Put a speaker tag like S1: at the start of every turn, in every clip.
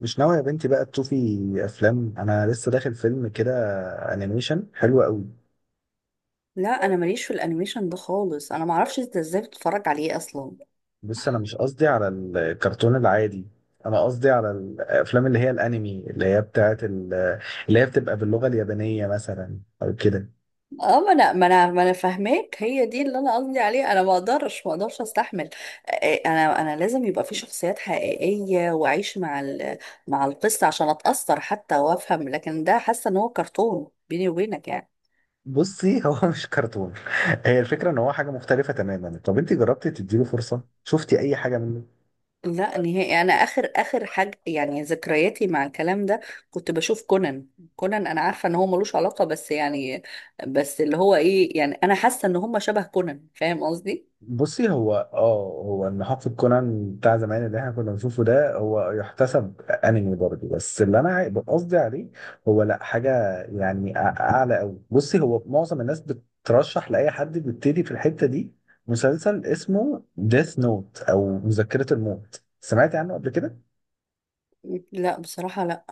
S1: مش ناوي يا بنتي بقى تشوفي افلام. انا لسه داخل فيلم كده، انيميشن حلو قوي.
S2: لا انا ماليش في الانيميشن ده خالص، انا معرفش انت ازاي بتتفرج عليه اصلا.
S1: بص، انا مش قصدي على الكرتون العادي، انا قصدي على الافلام اللي هي الانمي، اللي هي بتبقى باللغة اليابانية مثلا او كده.
S2: اه، ما انا فاهماك، هي دي اللي انا قصدي عليه. انا ما اقدرش استحمل. انا لازم يبقى في شخصيات حقيقيه واعيش مع مع القصه عشان اتاثر حتى وافهم، لكن ده حاسه ان هو كرتون، بيني وبينك يعني.
S1: بصي، هو مش كرتون، هي الفكرة ان هو حاجة مختلفة تماما. طب انت جربتي تديله فرصة؟ شفتي اي حاجة منه؟
S2: لا نهائي، انا اخر اخر حاجه يعني ذكرياتي مع الكلام ده كنت بشوف كونان. كونان انا عارفه ان هو ملوش علاقه، بس يعني بس اللي هو ايه، يعني انا حاسه ان هم شبه كونان، فاهم قصدي؟
S1: بصي، هو ان حقبة كونان بتاع زمان اللي احنا كنا بنشوفه ده هو يحتسب انمي برضه، بس قصدي عليه هو لا، حاجة يعني اعلى قوي. بصي، هو معظم الناس بترشح لاي حد بيبتدي في الحتة دي مسلسل اسمه ديث نوت او مذكرة الموت. سمعتي عنه قبل كده؟
S2: لا بصراحه لا.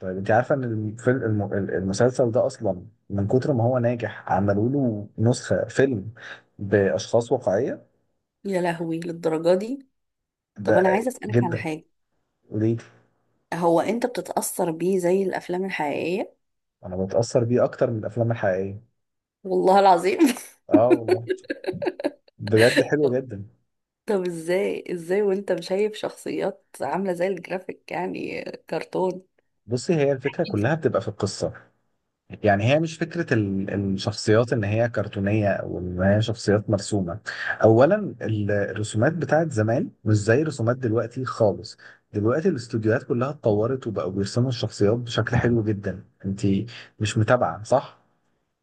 S1: طيب، انت عارفة ان المسلسل ده اصلا من كتر ما هو ناجح عملوا له نسخة فيلم باشخاص واقعية.
S2: يا لهوي، للدرجه دي؟ طب انا
S1: ده
S2: عايزه اسالك على
S1: جدا.
S2: حاجه،
S1: ليه؟
S2: هو انت بتتاثر بيه زي الافلام الحقيقيه؟
S1: انا بتاثر بيه اكتر من الافلام الحقيقيه.
S2: والله العظيم
S1: اه والله، بجد حلو
S2: طب،
S1: جدا.
S2: طب ازاي ازاي وانت شايف شخصيات عامله زي الجرافيك، يعني كرتون؟
S1: بصي، هي الفكره كلها بتبقى في القصه، يعني هي مش فكره الشخصيات ان هي كرتونيه او ان هي شخصيات مرسومه. اولا، الرسومات بتاعت زمان مش زي الرسومات دلوقتي خالص، دلوقتي الاستوديوهات كلها اتطورت وبقوا بيرسموا الشخصيات بشكل حلو جدا. انت مش متابعه، صح؟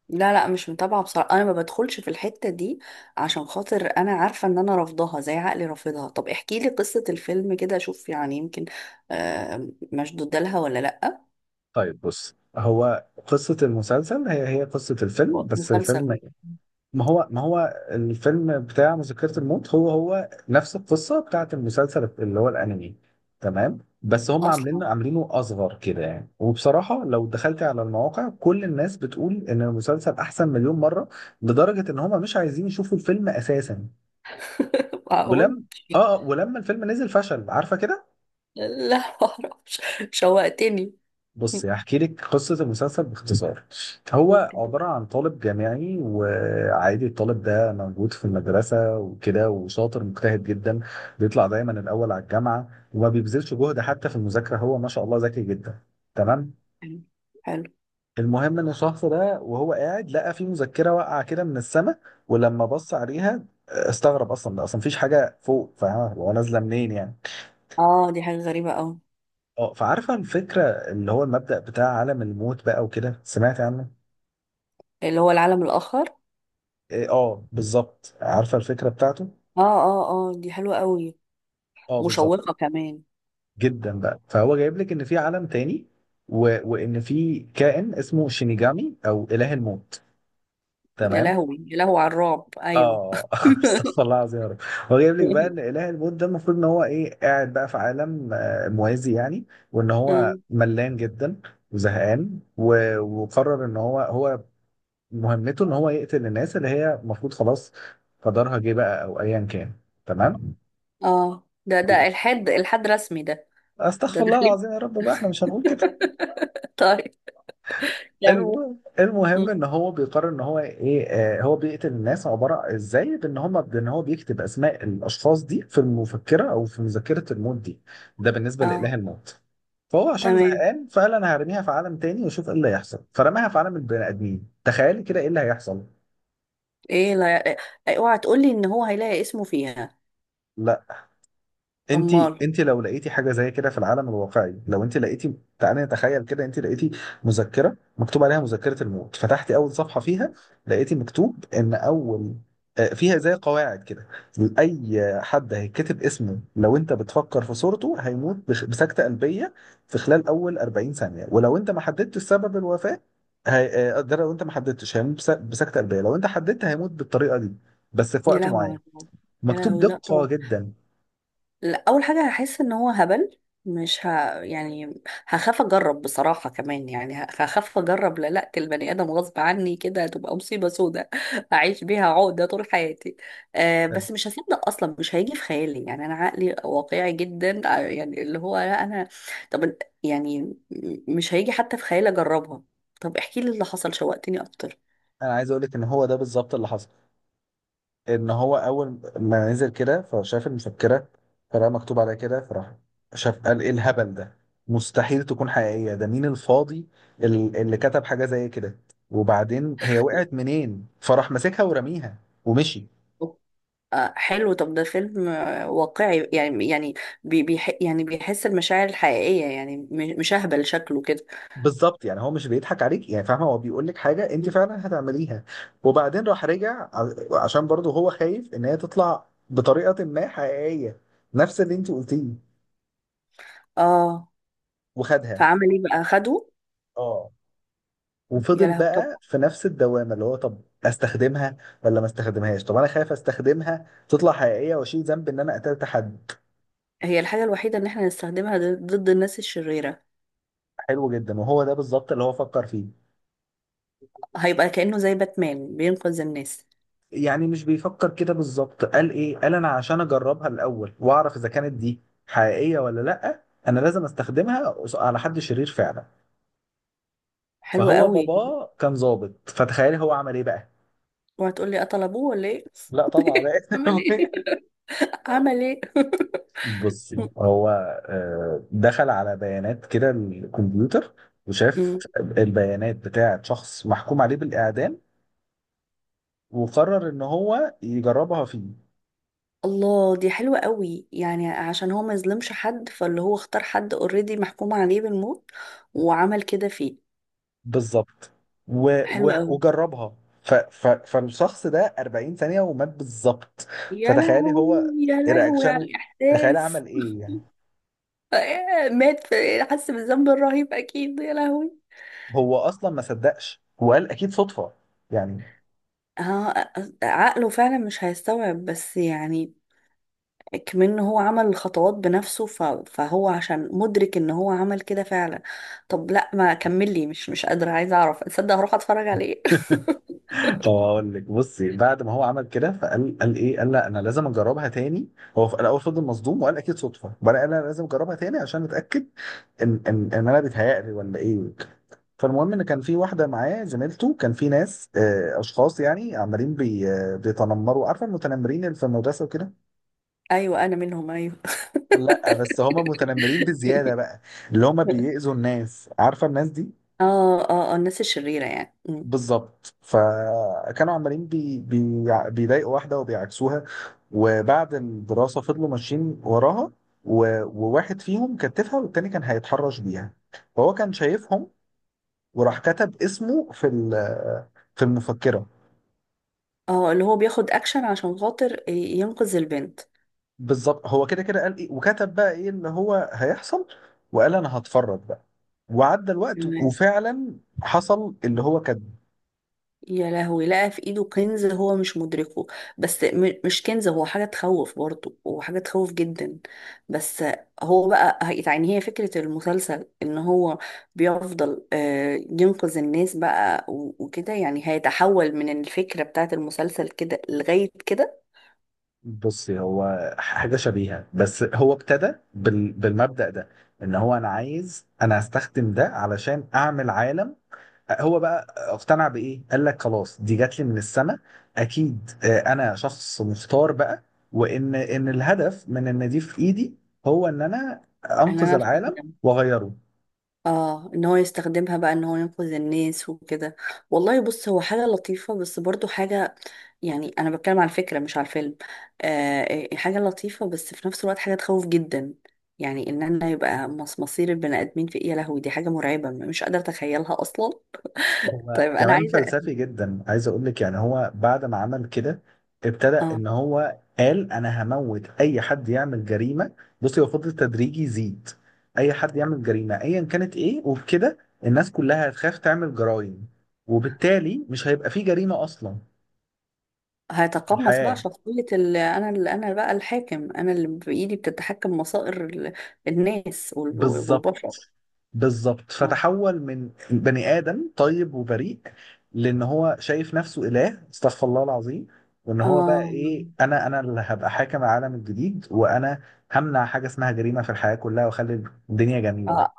S2: لا لا، مش متابعة بصراحة، أنا ما بدخلش في الحتة دي عشان خاطر أنا عارفة إن أنا رافضاها، زي عقلي رافضها. طب احكي لي قصة الفيلم كده أشوف، يعني يمكن مشدودة لها ولا لأ.
S1: طيب بص، هو قصة المسلسل هي قصة الفيلم، بس الفيلم،
S2: مسلسل.
S1: ما هو الفيلم بتاع مذكرة الموت هو نفس القصة بتاعت المسلسل اللي هو الأنمي، تمام؟ بس هم عاملين
S2: أصلا.
S1: عاملينه أصغر كده يعني. وبصراحة لو دخلت على المواقع كل الناس بتقول إن المسلسل أحسن مليون مرة، لدرجة إن هم مش عايزين يشوفوا الفيلم أساسا.
S2: معقول.
S1: ولم ولما الفيلم نزل فشل، عارفة كده.
S2: لا معرفش. شوقتني.
S1: بص، هحكي لك قصة المسلسل باختصار. هو
S2: ممكن.
S1: عبارة عن طالب جامعي، وعادي الطالب ده موجود في المدرسة وكده، وشاطر مجتهد جدا، بيطلع دايما الأول على الجامعة، وما بيبذلش جهد حتى في المذاكرة، هو ما شاء الله ذكي جدا، تمام.
S2: حلو. حلو.
S1: المهم إن الشخص ده وهو قاعد لقى في مذكرة واقعة كده من السماء، ولما بص عليها استغرب، أصلا ده أصلا مفيش حاجة فوق، فاهمة، هو نازلة منين يعني.
S2: اه دي حاجة غريبة أوي.
S1: اه، فعارفة الفكرة اللي هو المبدأ بتاع عالم الموت بقى وكده، سمعت عنه؟
S2: اللي هو العالم الآخر.
S1: إيه، اه بالظبط، عارفه الفكره بتاعته.
S2: اه اه اه، دي حلوة أوي.
S1: اه بالظبط،
S2: مشوقة كمان.
S1: جدا. بقى فهو جايب لك ان في عالم تاني، و... وان في كائن اسمه شينيجامي او اله الموت،
S2: يا
S1: تمام.
S2: لهوي يا لهوي على الرعب، أيوه.
S1: اه استغفر الله العظيم يا رب. هو جايب لك بقى ان اله الموت ده المفروض ان هو ايه، قاعد بقى في عالم موازي يعني، وان هو
S2: آه.
S1: ملان جدا وزهقان وقرر ان هو مهمته ان هو يقتل الناس اللي هي المفروض خلاص قدرها جه بقى او ايا كان، تمام.
S2: اه، ده ده الحد، الحد رسمي ده، ده
S1: استغفر الله
S2: دخلين.
S1: العظيم يا رب بقى، احنا مش هنقول كده.
S2: طيب، كمل.
S1: المهم
S2: مم.
S1: ان هو بيقرر ان هو ايه، آه هو بيقتل الناس، عباره ازاي، بان هو بيكتب اسماء الاشخاص دي في المفكره او في مذكره الموت دي. ده بالنسبه
S2: اه.
S1: لاله الموت. فهو عشان
S2: تمام.
S1: زهقان فقال انا هرميها في عالم تاني واشوف ايه اللي هيحصل، فرماها في عالم البني ادمين. تخيلي كده ايه اللي هيحصل.
S2: ايه، لا إيه، اوعى تقولي ان هو هيلاقي اسمه فيها.
S1: انت،
S2: امال.
S1: انت لو لقيتي حاجه زي كده في العالم الواقعي، لو انت لقيتي، تعالي نتخيل كده، انت لقيتي مذكره مكتوب عليها مذكره الموت، فتحتي اول صفحه فيها، لقيتي مكتوب ان اول فيها زي قواعد كده: اي حد هيتكتب اسمه لو انت بتفكر في صورته هيموت بسكته قلبيه في خلال اول 40 ثانيه، ولو انت ما حددتش سبب الوفاه هي... ده لو انت ما حددتش هيموت بسكته قلبيه، لو انت حددت هيموت بالطريقه دي بس في
S2: يا
S1: وقت
S2: لهوي
S1: معين
S2: على الرعب. يا
S1: مكتوب
S2: لهوي، لا
S1: دقه
S2: طبعا.
S1: جدا.
S2: لا، اول حاجه هحس ان هو هبل، مش ه... يعني هخاف اجرب بصراحه، كمان يعني هخاف اجرب للاقة البني ادم غصب عني كده، هتبقى مصيبه سودة اعيش بيها عقده طول حياتي. أه بس مش هصدق اصلا، مش هيجي في خيالي، يعني انا عقلي واقعي جدا، يعني اللي هو لا انا، طب يعني مش هيجي حتى في خيالي اجربها. طب احكي لي اللي حصل، شوقتني اكتر.
S1: انا عايز اقول لك ان هو ده بالظبط اللي حصل. ان هو اول ما نزل كده فشاف المفكره، فلقى مكتوب عليها كده، فراح شاف قال ايه الهبل ده، مستحيل تكون حقيقيه، ده مين الفاضي اللي كتب حاجه زي كده، وبعدين هي وقعت منين؟ فراح ماسكها ورميها ومشي.
S2: آه حلو، طب ده فيلم واقعي، يعني يعني بي بيح يعني بيحس المشاعر الحقيقية، يعني مش أهبل شكله كده.
S1: بالظبط، يعني هو مش بيضحك عليك يعني، فاهمه، هو بيقول لك حاجه انت فعلا هتعمليها. وبعدين راح رجع عشان برضه هو خايف ان هي تطلع بطريقه ما حقيقيه، نفس اللي انت قلتيه،
S2: اه،
S1: وخدها.
S2: فعمل ايه بقى، خده؟
S1: اه،
S2: يا
S1: وفضل
S2: لهوي، طب
S1: بقى في نفس الدوامه اللي هو طب استخدمها ولا ما استخدمهاش، طب انا خايف استخدمها تطلع حقيقيه واشيل ذنب ان انا قتلت حد.
S2: هي الحاجة الوحيدة ان احنا نستخدمها ضد ضد الناس الشريرة.
S1: حلو جدا، وهو ده بالظبط اللي هو فكر فيه.
S2: هيبقى كأنه زي باتمان بينقذ الناس.
S1: يعني مش بيفكر كده بالظبط، قال ايه، قال انا عشان اجربها الاول واعرف اذا كانت دي حقيقيه ولا لا، انا لازم استخدمها على حد شرير فعلا.
S2: حلو
S1: فهو
S2: قوي.
S1: باباه كان ظابط، فتخيل هو عمل ايه بقى.
S2: اوعى تقول لي قتل ابوه ولا ايه.
S1: لا طبعا.
S2: عمل ايه؟ لا، عمل ايه؟
S1: بصي، هو دخل على بيانات كده الكمبيوتر، وشاف
S2: مم.
S1: البيانات بتاعة شخص محكوم عليه بالإعدام، وقرر إن هو يجربها فيه.
S2: الله، دي حلوة قوي، يعني عشان هو ما يظلمش حد، فاللي هو اختار حد اوريدي محكوم عليه بالموت وعمل كده فيه.
S1: بالظبط. و-
S2: حلو قوي.
S1: وجربها، فالشخص ده 40 ثانية ومات بالظبط.
S2: يا
S1: فتخيلي
S2: لهوي،
S1: هو
S2: يا لهوي على
S1: رياكشنه، تخيلي
S2: الإحساس.
S1: عمل إيه يعني.
S2: مات، في حس بالذنب الرهيب أكيد، يا لهوي.
S1: هو أصلا ما صدقش، وقال أكيد صدفة يعني.
S2: ها، عقله فعلا مش هيستوعب، بس يعني كمان هو عمل الخطوات بنفسه فهو عشان مدرك ان هو عمل كده فعلا. طب لا ما كمل لي، مش قادرة، عايزة اعرف، تصدق هروح اتفرج عليه.
S1: طب اقول لك، بصي بعد ما هو عمل كده، فقال، قال ايه، قال لا انا لازم اجربها تاني. هو في الاول فضل مصدوم وقال اكيد صدفه، وانا قال انا لازم اجربها تاني عشان اتاكد ان انا بيتهيألي ولا ايه. فالمهم ان كان في واحده معاه زميلته، كان في ناس، اشخاص يعني، عمالين بي آه، بيتنمروا، عارفه المتنمرين اللي في المدرسه وكده.
S2: ايوه انا منهم، ايوه.
S1: لا بس هم متنمرين بزياده بقى، اللي هم بيأذوا الناس، عارفه الناس دي.
S2: اه اه اه، الناس الشريرة يعني. مم.
S1: بالظبط. فكانوا عمالين بيضايقوا واحدة وبيعكسوها، وبعد الدراسة فضلوا ماشيين وراها، وواحد فيهم كتفها والتاني كان هيتحرش بيها، فهو كان شايفهم، وراح كتب اسمه في المفكرة.
S2: اه اللي هو بياخد اكشن عشان خاطر ينقذ البنت.
S1: بالظبط، هو كده كده قال ايه، وكتب بقى ايه اللي هو هيحصل، وقال انا هتفرج بقى، وعدى الوقت
S2: تمام.
S1: وفعلا حصل اللي هو كان.
S2: يا لهوي، لقى في ايده كنز هو مش مدركه، بس مش كنز، هو حاجة تخوف برضه، وحاجة تخوف جدا. بس هو بقى يعني هي فكرة المسلسل ان هو بيفضل ينقذ الناس بقى وكده، يعني هيتحول من الفكرة بتاعت المسلسل كده لغاية كده؟
S1: بصي هو حاجة شبيهة، بس هو ابتدى بالمبدأ ده، ان هو انا عايز، انا هستخدم ده علشان اعمل عالم. هو بقى اقتنع بإيه؟ قال لك خلاص دي جات لي من السماء، اكيد انا شخص مختار بقى، وان الهدف من ان دي في ايدي هو ان انا
S2: ان
S1: انقذ
S2: انا
S1: العالم
S2: استسلمت.
S1: واغيره.
S2: اه، ان هو يستخدمها بقى ان هو ينقذ الناس وكده. والله بص، هو حاجة لطيفة بس برضو حاجة، يعني انا بتكلم على الفكرة مش على الفيلم، آه إيه، حاجة لطيفة بس في نفس الوقت حاجة تخوف جدا، يعني ان انا يبقى مصير البني ادمين في ايه؟ يا لهوي، دي حاجة مرعبة، مش قادرة اتخيلها اصلا.
S1: هو
S2: طيب انا
S1: كمان
S2: عايزة.
S1: فلسفي جدا، عايز اقول لك يعني، هو بعد ما عمل كده ابتدى
S2: اه.
S1: ان هو قال انا هموت اي حد يعمل جريمه. بصي هو فضل تدريجي يزيد، اي حد يعمل جريمه ايا كانت ايه، وبكده الناس كلها هتخاف تعمل جرائم، وبالتالي مش هيبقى في جريمه اصلا في
S2: هيتقمص بقى
S1: الحياه.
S2: شخصية انا انا بقى الحاكم، انا اللي بايدي بتتحكم مصائر الناس
S1: بالظبط،
S2: والبشر.
S1: بالظبط.
S2: اه.
S1: فتحول من بني آدم طيب وبريء لأن هو شايف نفسه إله، استغفر الله العظيم، وإن هو بقى
S2: اه.
S1: إيه، أنا اللي هبقى حاكم العالم الجديد، وأنا همنع حاجة اسمها جريمة في الحياة كلها، وأخلي الدنيا جميلة.
S2: آه،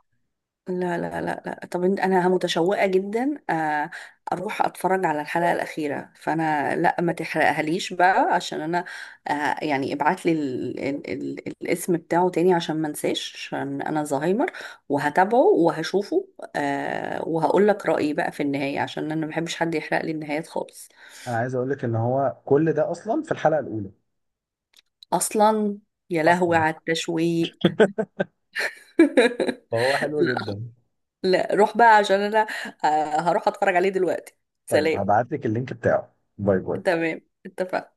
S2: لا لا لا لا، طب انا متشوقه جدا، اروح اتفرج على الحلقه الاخيره، فانا لا ما تحرقهاليش بقى عشان انا، يعني ابعت لي الاسم بتاعه تاني عشان ما انساش، عشان انا زهايمر، وهتابعه وهشوفه، وهقول لك رايي بقى في النهايه، عشان انا ما بحبش حد يحرق لي النهايات خالص.
S1: أنا عايز أقول لك إن هو كل ده أصلا في الحلقة الأولى.
S2: اصلا. يا لهوي
S1: أصلا،
S2: على التشويق.
S1: فهو حلو جدا.
S2: لا روح بقى، عشان انا هروح اتفرج عليه دلوقتي.
S1: طيب
S2: سلام.
S1: هبعت لك اللينك بتاعه، باي باي.
S2: تمام، اتفقنا.